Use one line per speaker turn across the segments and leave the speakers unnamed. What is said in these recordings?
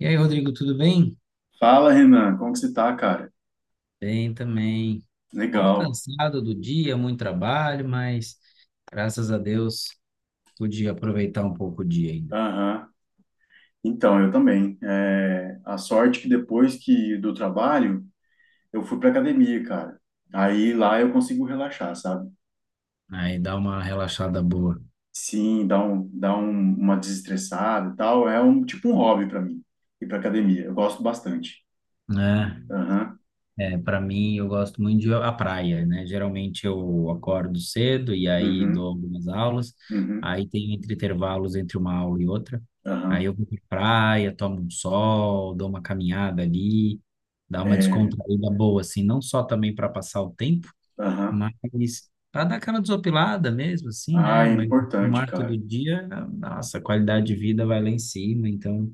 E aí, Rodrigo, tudo bem?
Fala, Renan, como que você tá, cara?
Bem também. Um pouco
Legal.
cansado do dia, muito trabalho, mas graças a Deus pude aproveitar um pouco o dia ainda,
Aham. Então, eu também. É, a sorte que depois que do trabalho, eu fui pra academia, cara. Aí lá eu consigo relaxar, sabe?
né? E dar uma relaxada boa,
Sim, uma desestressada e tal. É um tipo um hobby pra mim ir pra academia. Eu gosto bastante.
né?
Aham.
É, para mim, eu gosto muito de ir à praia, né? Geralmente eu acordo cedo e aí
Uhum.
dou algumas aulas,
Uhum.
aí tem entre intervalos entre uma aula e outra. Aí eu
Aham.
vou pra praia, tomo um sol, dou uma caminhada ali, dá uma
É,
descontraída boa, assim, não só também para passar o tempo,
aham.
mas para dar aquela desopilada mesmo, assim,
Ah,
né?
é
No
importante,
mar todo
cara.
dia, nossa, a qualidade de vida vai lá em cima. Então,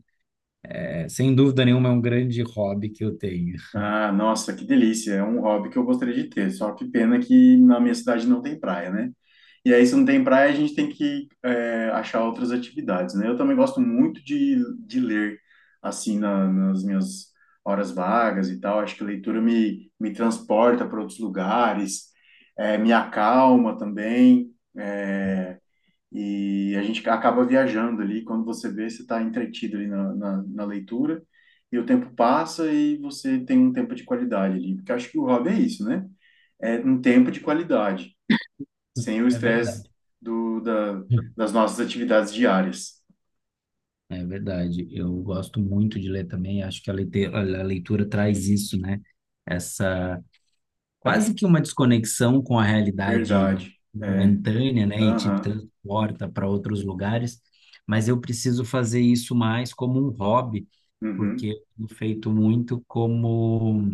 é, sem dúvida nenhuma, é um grande hobby que eu tenho.
Ah, nossa, que delícia. É um hobby que eu gostaria de ter. Só que pena que na minha cidade não tem praia, né? E aí, se não tem praia, a gente tem que achar outras atividades, né? Eu também gosto muito de ler, assim, nas minhas horas vagas e tal. Acho que a leitura me transporta para outros lugares, me acalma também. eh, e a gente acaba viajando ali, quando você vê, você está entretido ali na leitura, e o tempo passa e você tem um tempo de qualidade ali. Porque eu acho que o hobby é isso, né? É um tempo de qualidade, sem o
É
estresse
verdade.
do, da, das nossas atividades diárias.
É verdade. Eu gosto muito de ler também. Acho que a leitura traz isso, né? Essa quase que uma desconexão com a realidade
Verdade. É.
momentânea, né? E te
Aham.
transporta para outros lugares. Mas eu preciso fazer isso mais como um hobby porque
Uhum.
eu tenho feito muito como,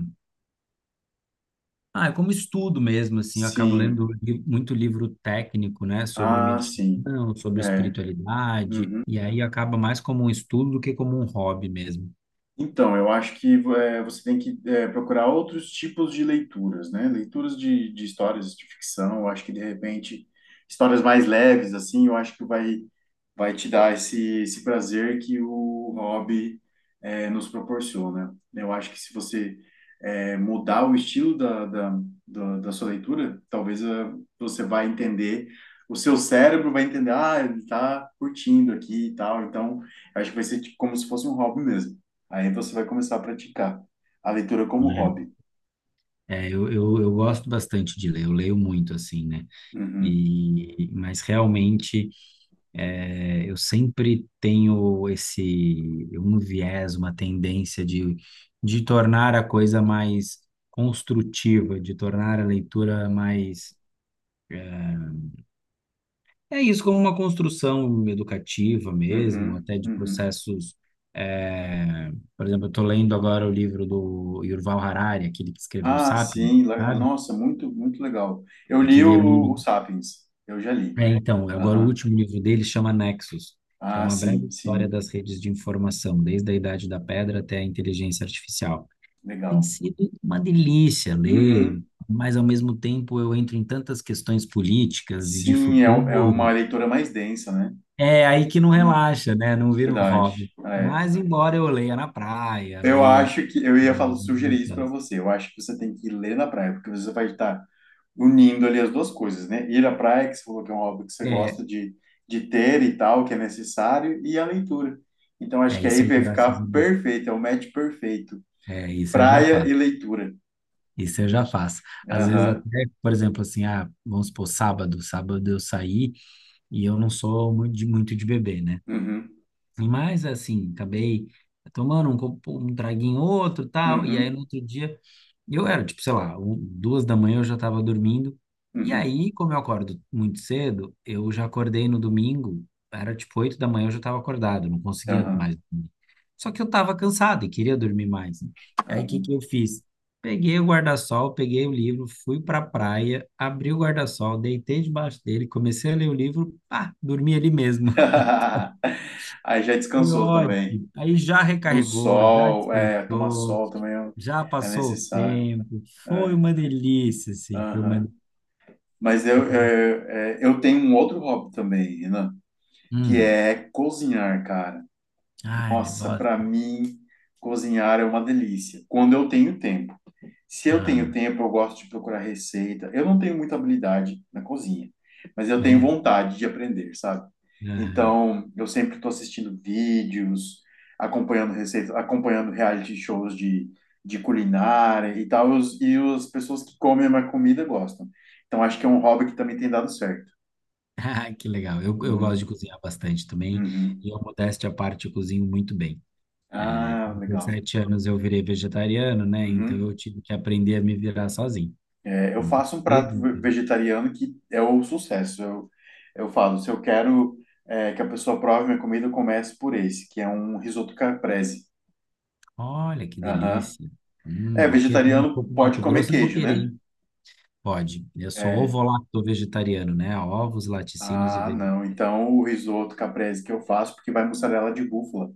ah, como estudo mesmo, assim, eu acabo lendo
Sim.
muito livro técnico, né, sobre
Ah, sim.
meditação, sobre
É.
espiritualidade,
Uhum.
e aí acaba mais como um estudo do que como um hobby mesmo,
Então, eu acho que você tem que procurar outros tipos de leituras, né? Leituras de histórias de ficção, eu acho que de repente histórias mais leves, assim, eu acho que vai te dar esse prazer que o hobby nos proporciona. Eu acho que se você mudar o estilo da sua leitura, talvez você vai entender, o seu cérebro vai entender, ah, ele está curtindo aqui e tal, então acho que vai ser tipo, como se fosse um hobby mesmo. Aí você vai começar a praticar a leitura como
né?
hobby.
É, eu gosto bastante de ler, eu leio muito, assim, né?
Uhum,
E, mas realmente é, eu sempre tenho esse um viés, uma tendência de tornar a coisa mais construtiva, de tornar a leitura mais. É isso, como uma construção educativa mesmo,
uhum,
até de
uhum.
processos. É, por exemplo, eu estou lendo agora o livro do Yuval Harari, aquele que escreveu
Ah,
Sapiens,
sim.
sabe?
Nossa, muito, muito legal. Eu li
Aquele
o,
amigo.
o Sapiens. Eu já li.
É, então, agora o
Aham.
último livro dele chama Nexus, que é
Ah,
uma breve
sim,
história
sim.
das redes de informação, desde a Idade da Pedra até a inteligência artificial. Tem
Legal.
sido uma delícia ler,
Uhum.
mas ao mesmo tempo eu entro em tantas questões políticas e de
Sim, é uma
futuro.
leitura mais densa, né?
É aí que não relaxa, né? Não
É
vira um
verdade.
hobby. Mas
É.
embora eu leia na praia,
Eu
leia.
acho que eu ia falar, sugerir isso para você. Eu acho que você tem que ler na praia, porque você vai estar unindo ali as duas coisas, né? Ir à praia, que você falou que é um hobby que você
É,
gosta de ter e tal, que é necessário, e a leitura. Então, acho
é
que aí
isso eu
vai
graças a
ficar
Deus.
perfeito, é o match perfeito.
É isso eu já
Praia e
faço.
leitura.
Isso eu já faço. Às vezes
Aham,
até, por exemplo, assim, ah, vamos supor, sábado, sábado eu saí e eu não sou muito de beber, né?
uhum,
Mas assim, acabei tomando um traguinho outro, tal, e aí no
uhum,
outro dia e eu era, tipo, sei lá, 2 da manhã eu já estava dormindo. E
uhum,
aí, como eu acordo muito cedo, eu já acordei no domingo, era tipo 8 da manhã eu já estava acordado, eu não conseguia mais
aham.
dormir. Só que eu estava cansado e queria dormir mais, né? Aí o que que eu fiz? Peguei o guarda-sol, peguei o livro, fui para a praia, abri o guarda-sol, deitei debaixo dele, comecei a ler o livro, pá, dormi ali mesmo.
Aí já
Foi
descansou também.
ótimo. Aí já
No
recarregou, já
sol, tomar
descansou.
sol também
Já
é
passou o
necessário.
tempo, foi
É,
uma delícia, sim, foi uma.
aham. Mas eu,
Delícia.
eu, é, eu tenho um outro hobby também, Renan, que
Hum,
é cozinhar, cara.
ai,
Nossa, para
gosto.
mim, cozinhar é uma delícia, quando eu tenho tempo. Se eu tenho
Ah,
tempo, eu gosto de procurar receita. Eu não tenho muita habilidade na cozinha, mas eu tenho
é,
vontade de aprender, sabe?
ah,
Então, eu sempre estou assistindo vídeos, acompanhando receitas, acompanhando reality shows de culinária e tal, e as pessoas que comem a minha comida gostam. Então, acho que é um hobby que também tem dado certo.
ah, que legal. Eu gosto
Uhum,
de cozinhar bastante também,
uhum.
e eu, modéstia à parte, eu cozinho muito bem. É, com
Ah, legal.
17 anos eu virei vegetariano, né? Então eu
Uhum.
tive que aprender a me virar sozinho.
É, eu faço um
Desde
prato
então.
vegetariano que é o sucesso. Eu falo, se eu quero que a pessoa prove minha comida, eu começo por esse, que é um risoto caprese.
Olha que
Aham.
delícia.
É,
Vou querer, quando eu
vegetariano
for para
pode
Mato
comer
Grosso, eu vou
queijo,
querer,
né?
hein? Pode. Eu sou
É.
ovo-lacto vegetariano, né? Ovos, laticínios e
Ah,
vegetais.
não. Então o risoto caprese que eu faço, porque vai mussarela de búfala.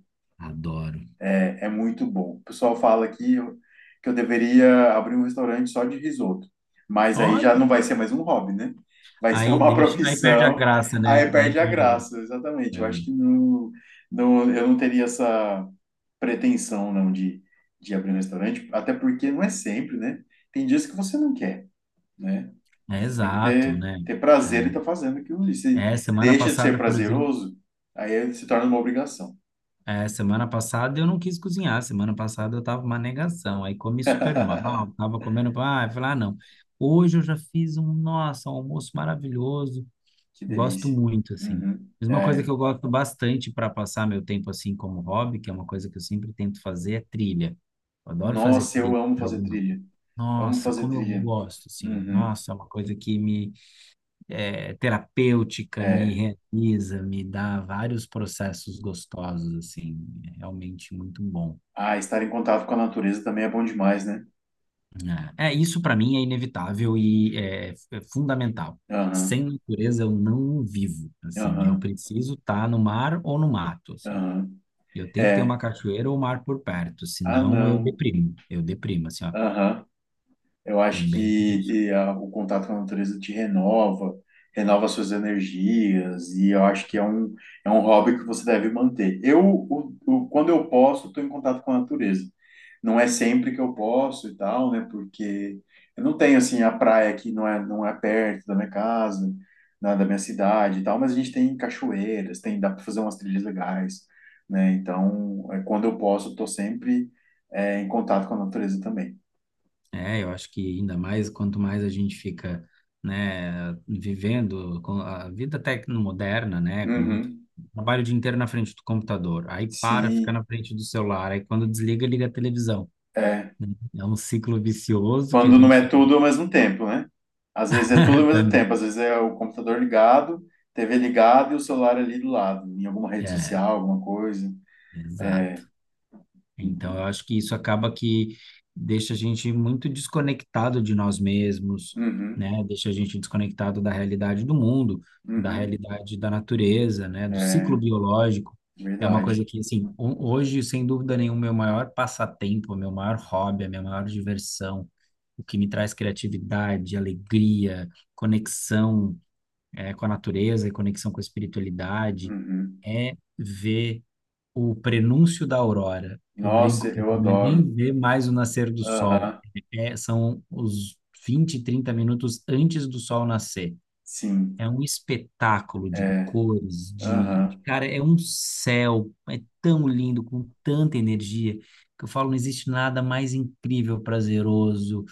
Adoro.
É, é muito bom. O pessoal fala que eu deveria abrir um restaurante só de risoto, mas aí
Olha,
já não vai ser mais um hobby, né? Vai ser
aí
uma
deixa, aí perde a
profissão,
graça, né?
aí
Aí
perde a
perde a
graça, exatamente. Eu acho
graça.
que não, não, eu não teria essa pretensão, não, de abrir um restaurante, até porque não é sempre, né? Tem dias que você não quer, né?
É,
Você tem que
exato,
ter,
né?
ter
É,
prazer em estar fazendo aquilo ali. Se
é, semana
deixa de ser
passada, por exemplo,
prazeroso, aí se torna uma obrigação.
é, semana passada eu não quis cozinhar, semana passada eu tava uma negação, aí comi super mal, tava comendo, ah, eu falei, ah, não. Hoje eu já fiz um, nossa, um almoço maravilhoso,
Que
gosto
delícia.
muito, assim.
Uhum.
Mas uma coisa
É.
que eu gosto bastante para passar meu tempo assim como hobby, que é uma coisa que eu sempre tento fazer, é trilha. Eu adoro fazer
Nossa, eu
trilha
amo
para
fazer
alguma.
trilha. Amo
Nossa,
fazer
como eu
trilha.
gosto, assim, ó,
Uhum.
nossa, é uma coisa que me é terapêutica,
É.
me realiza, me dá vários processos gostosos, assim, é realmente muito bom.
Ah, estar em contato com a natureza também é bom demais, né?
É, é, isso para mim é inevitável e é, é fundamental. Sem
Aham,
natureza eu não vivo, assim, eu
aham,
preciso estar no mar ou no mato, assim.
aham.
Eu tenho que ter uma
É.
cachoeira ou um mar por perto,
Ah,
senão
não.
eu deprimo, assim, ó,
Aham. Eu
é
acho
bem
que
difícil.
o contato com a natureza te renova, renova suas energias, e eu acho que é um hobby que você deve manter. Quando eu posso, estou em contato com a natureza. Não é sempre que eu posso e tal, né? Porque eu não tenho, assim, a praia aqui não é perto da minha casa, da minha cidade e tal, mas a gente tem cachoeiras, dá para fazer umas trilhas legais, né? Então, quando eu posso, estou sempre, em contato com a natureza também.
É, eu acho que ainda mais quanto mais a gente fica, né, vivendo com a vida tecnomoderna, né, com muito
Uhum.
trabalho o dia inteiro na frente do computador, aí para, fica
Sim,
na frente do celular, aí quando desliga, liga a televisão,
é.
né? É um ciclo vicioso que a
Quando não
gente
é
fica.
tudo ao mesmo tempo, né? Às vezes é tudo ao mesmo
tratando.
tempo, às vezes é o computador ligado, TV ligada e o celular ali do lado, em alguma rede
É,
social, alguma coisa.
exato. Então, eu acho que isso acaba que deixa a gente muito desconectado de nós mesmos,
Uhum,
né? Deixa a gente desconectado da realidade do mundo, da
uhum,
realidade da natureza, né? Do ciclo
é
biológico. É uma coisa
verdade.
que, assim, hoje, sem dúvida nenhuma, meu maior passatempo, meu maior hobby, a minha maior diversão, o que me traz criatividade, alegria, conexão, com a natureza e conexão com a espiritualidade,
Uhum.
é ver o prenúncio da aurora. Eu
Nossa,
brinco que
eu
não é
adoro.
nem ver mais o nascer do sol.
Aham,
É, são os 20, 30 minutos antes do sol nascer.
sim,
É um espetáculo de
é.
cores, de...
Aham.
Cara, é um céu, é tão lindo, com tanta energia, que eu falo, não existe nada mais incrível, prazeroso,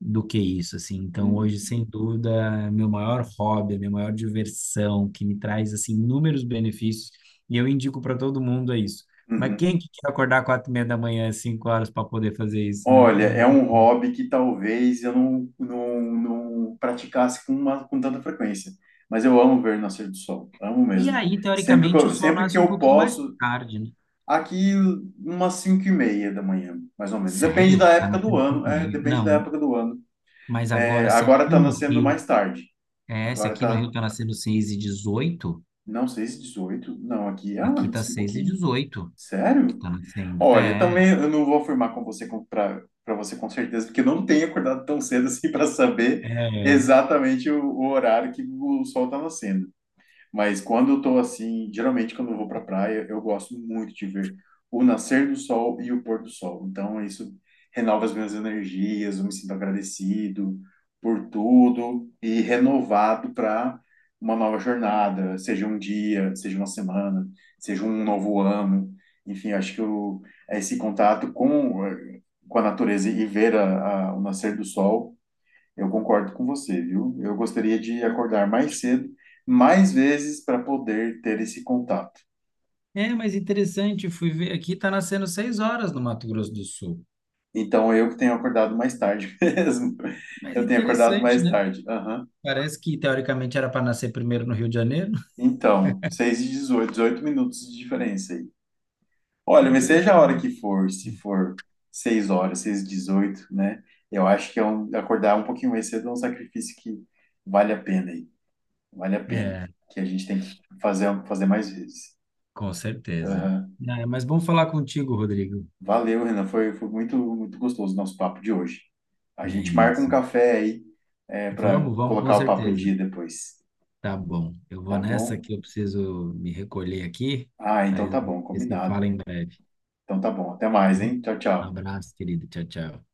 do que isso, assim. Então, hoje,
Uhum.
sem dúvida, é meu maior hobby, é minha maior diversão, que me traz, assim, inúmeros benefícios, e eu indico para todo mundo é isso. Mas
Uhum.
quem que quer acordar 4:30 da manhã, 5 horas, para poder fazer isso, né?
Olha,
Não.
é um hobby que talvez eu não, não, não praticasse com tanta frequência, mas eu amo ver o nascer do sol, amo
E
mesmo.
aí,
Sempre que
teoricamente, o
eu,
sol
sempre que
nasce um
eu
pouquinho mais
posso,
tarde, né?
aqui umas 5h30 da manhã, mais ou menos. Depende da
Sério? Tá
época do
nascendo
ano,
cinco e meia?
depende da
Não.
época do ano.
Mas
É,
agora, se
agora
aqui
está
no
nascendo
Rio,
mais tarde.
é, se
Agora
aqui no
está
Rio tá nascendo 6:18,
Não sei se 18. Não, aqui é
aqui tá
antes, um
seis e
pouquinho.
dezoito que
Sério?
tá nascendo.
Olha,
É,
também eu não vou afirmar com você para você com certeza, porque eu não tenho acordado tão cedo assim para saber
é.
exatamente o horário que o sol está nascendo. Mas quando eu tô assim, geralmente quando eu vou pra praia, eu gosto muito de ver o nascer do sol e o pôr do sol. Então isso renova as minhas energias, eu me sinto agradecido por tudo e renovado para uma nova jornada, seja um dia, seja uma semana, seja um novo ano. Enfim, acho que esse contato com a natureza e ver o nascer do sol eu concordo com você, viu? Eu gostaria de acordar mais cedo, mais vezes, para poder ter esse contato.
É, mas interessante, fui ver aqui, está nascendo 6 horas no Mato Grosso do Sul.
Então, eu que tenho acordado mais tarde mesmo.
Mas
Eu tenho acordado
interessante,
mais
né?
tarde. Aham.
Parece que teoricamente era para nascer primeiro no Rio de Janeiro.
Então, 6h18, 18 minutos de diferença aí.
Que
Olha, mas seja a hora
interessante.
que for, se for 6 horas, seis e 18, né? Eu acho que acordar um pouquinho mais cedo é um sacrifício que vale a pena aí. Vale a pena.
É,
Que a gente tem que fazer mais vezes.
com certeza.
Aham.
Ah, é, mas bom falar contigo, Rodrigo.
Valeu, Renan. Foi muito, muito gostoso o nosso papo de hoje. A
É
gente marca um
isso.
café aí, para
Vamos, vamos, com
colocar o papo em
certeza.
dia depois,
Tá bom. Eu
tá
vou nessa
bom?
que eu preciso me recolher aqui.
Ah, então
Aí
tá bom,
você
combinado.
fala em breve. Tá.
Então tá bom. Até mais,
Bom,
hein? Tchau,
um
tchau.
abraço, querido. Tchau, tchau.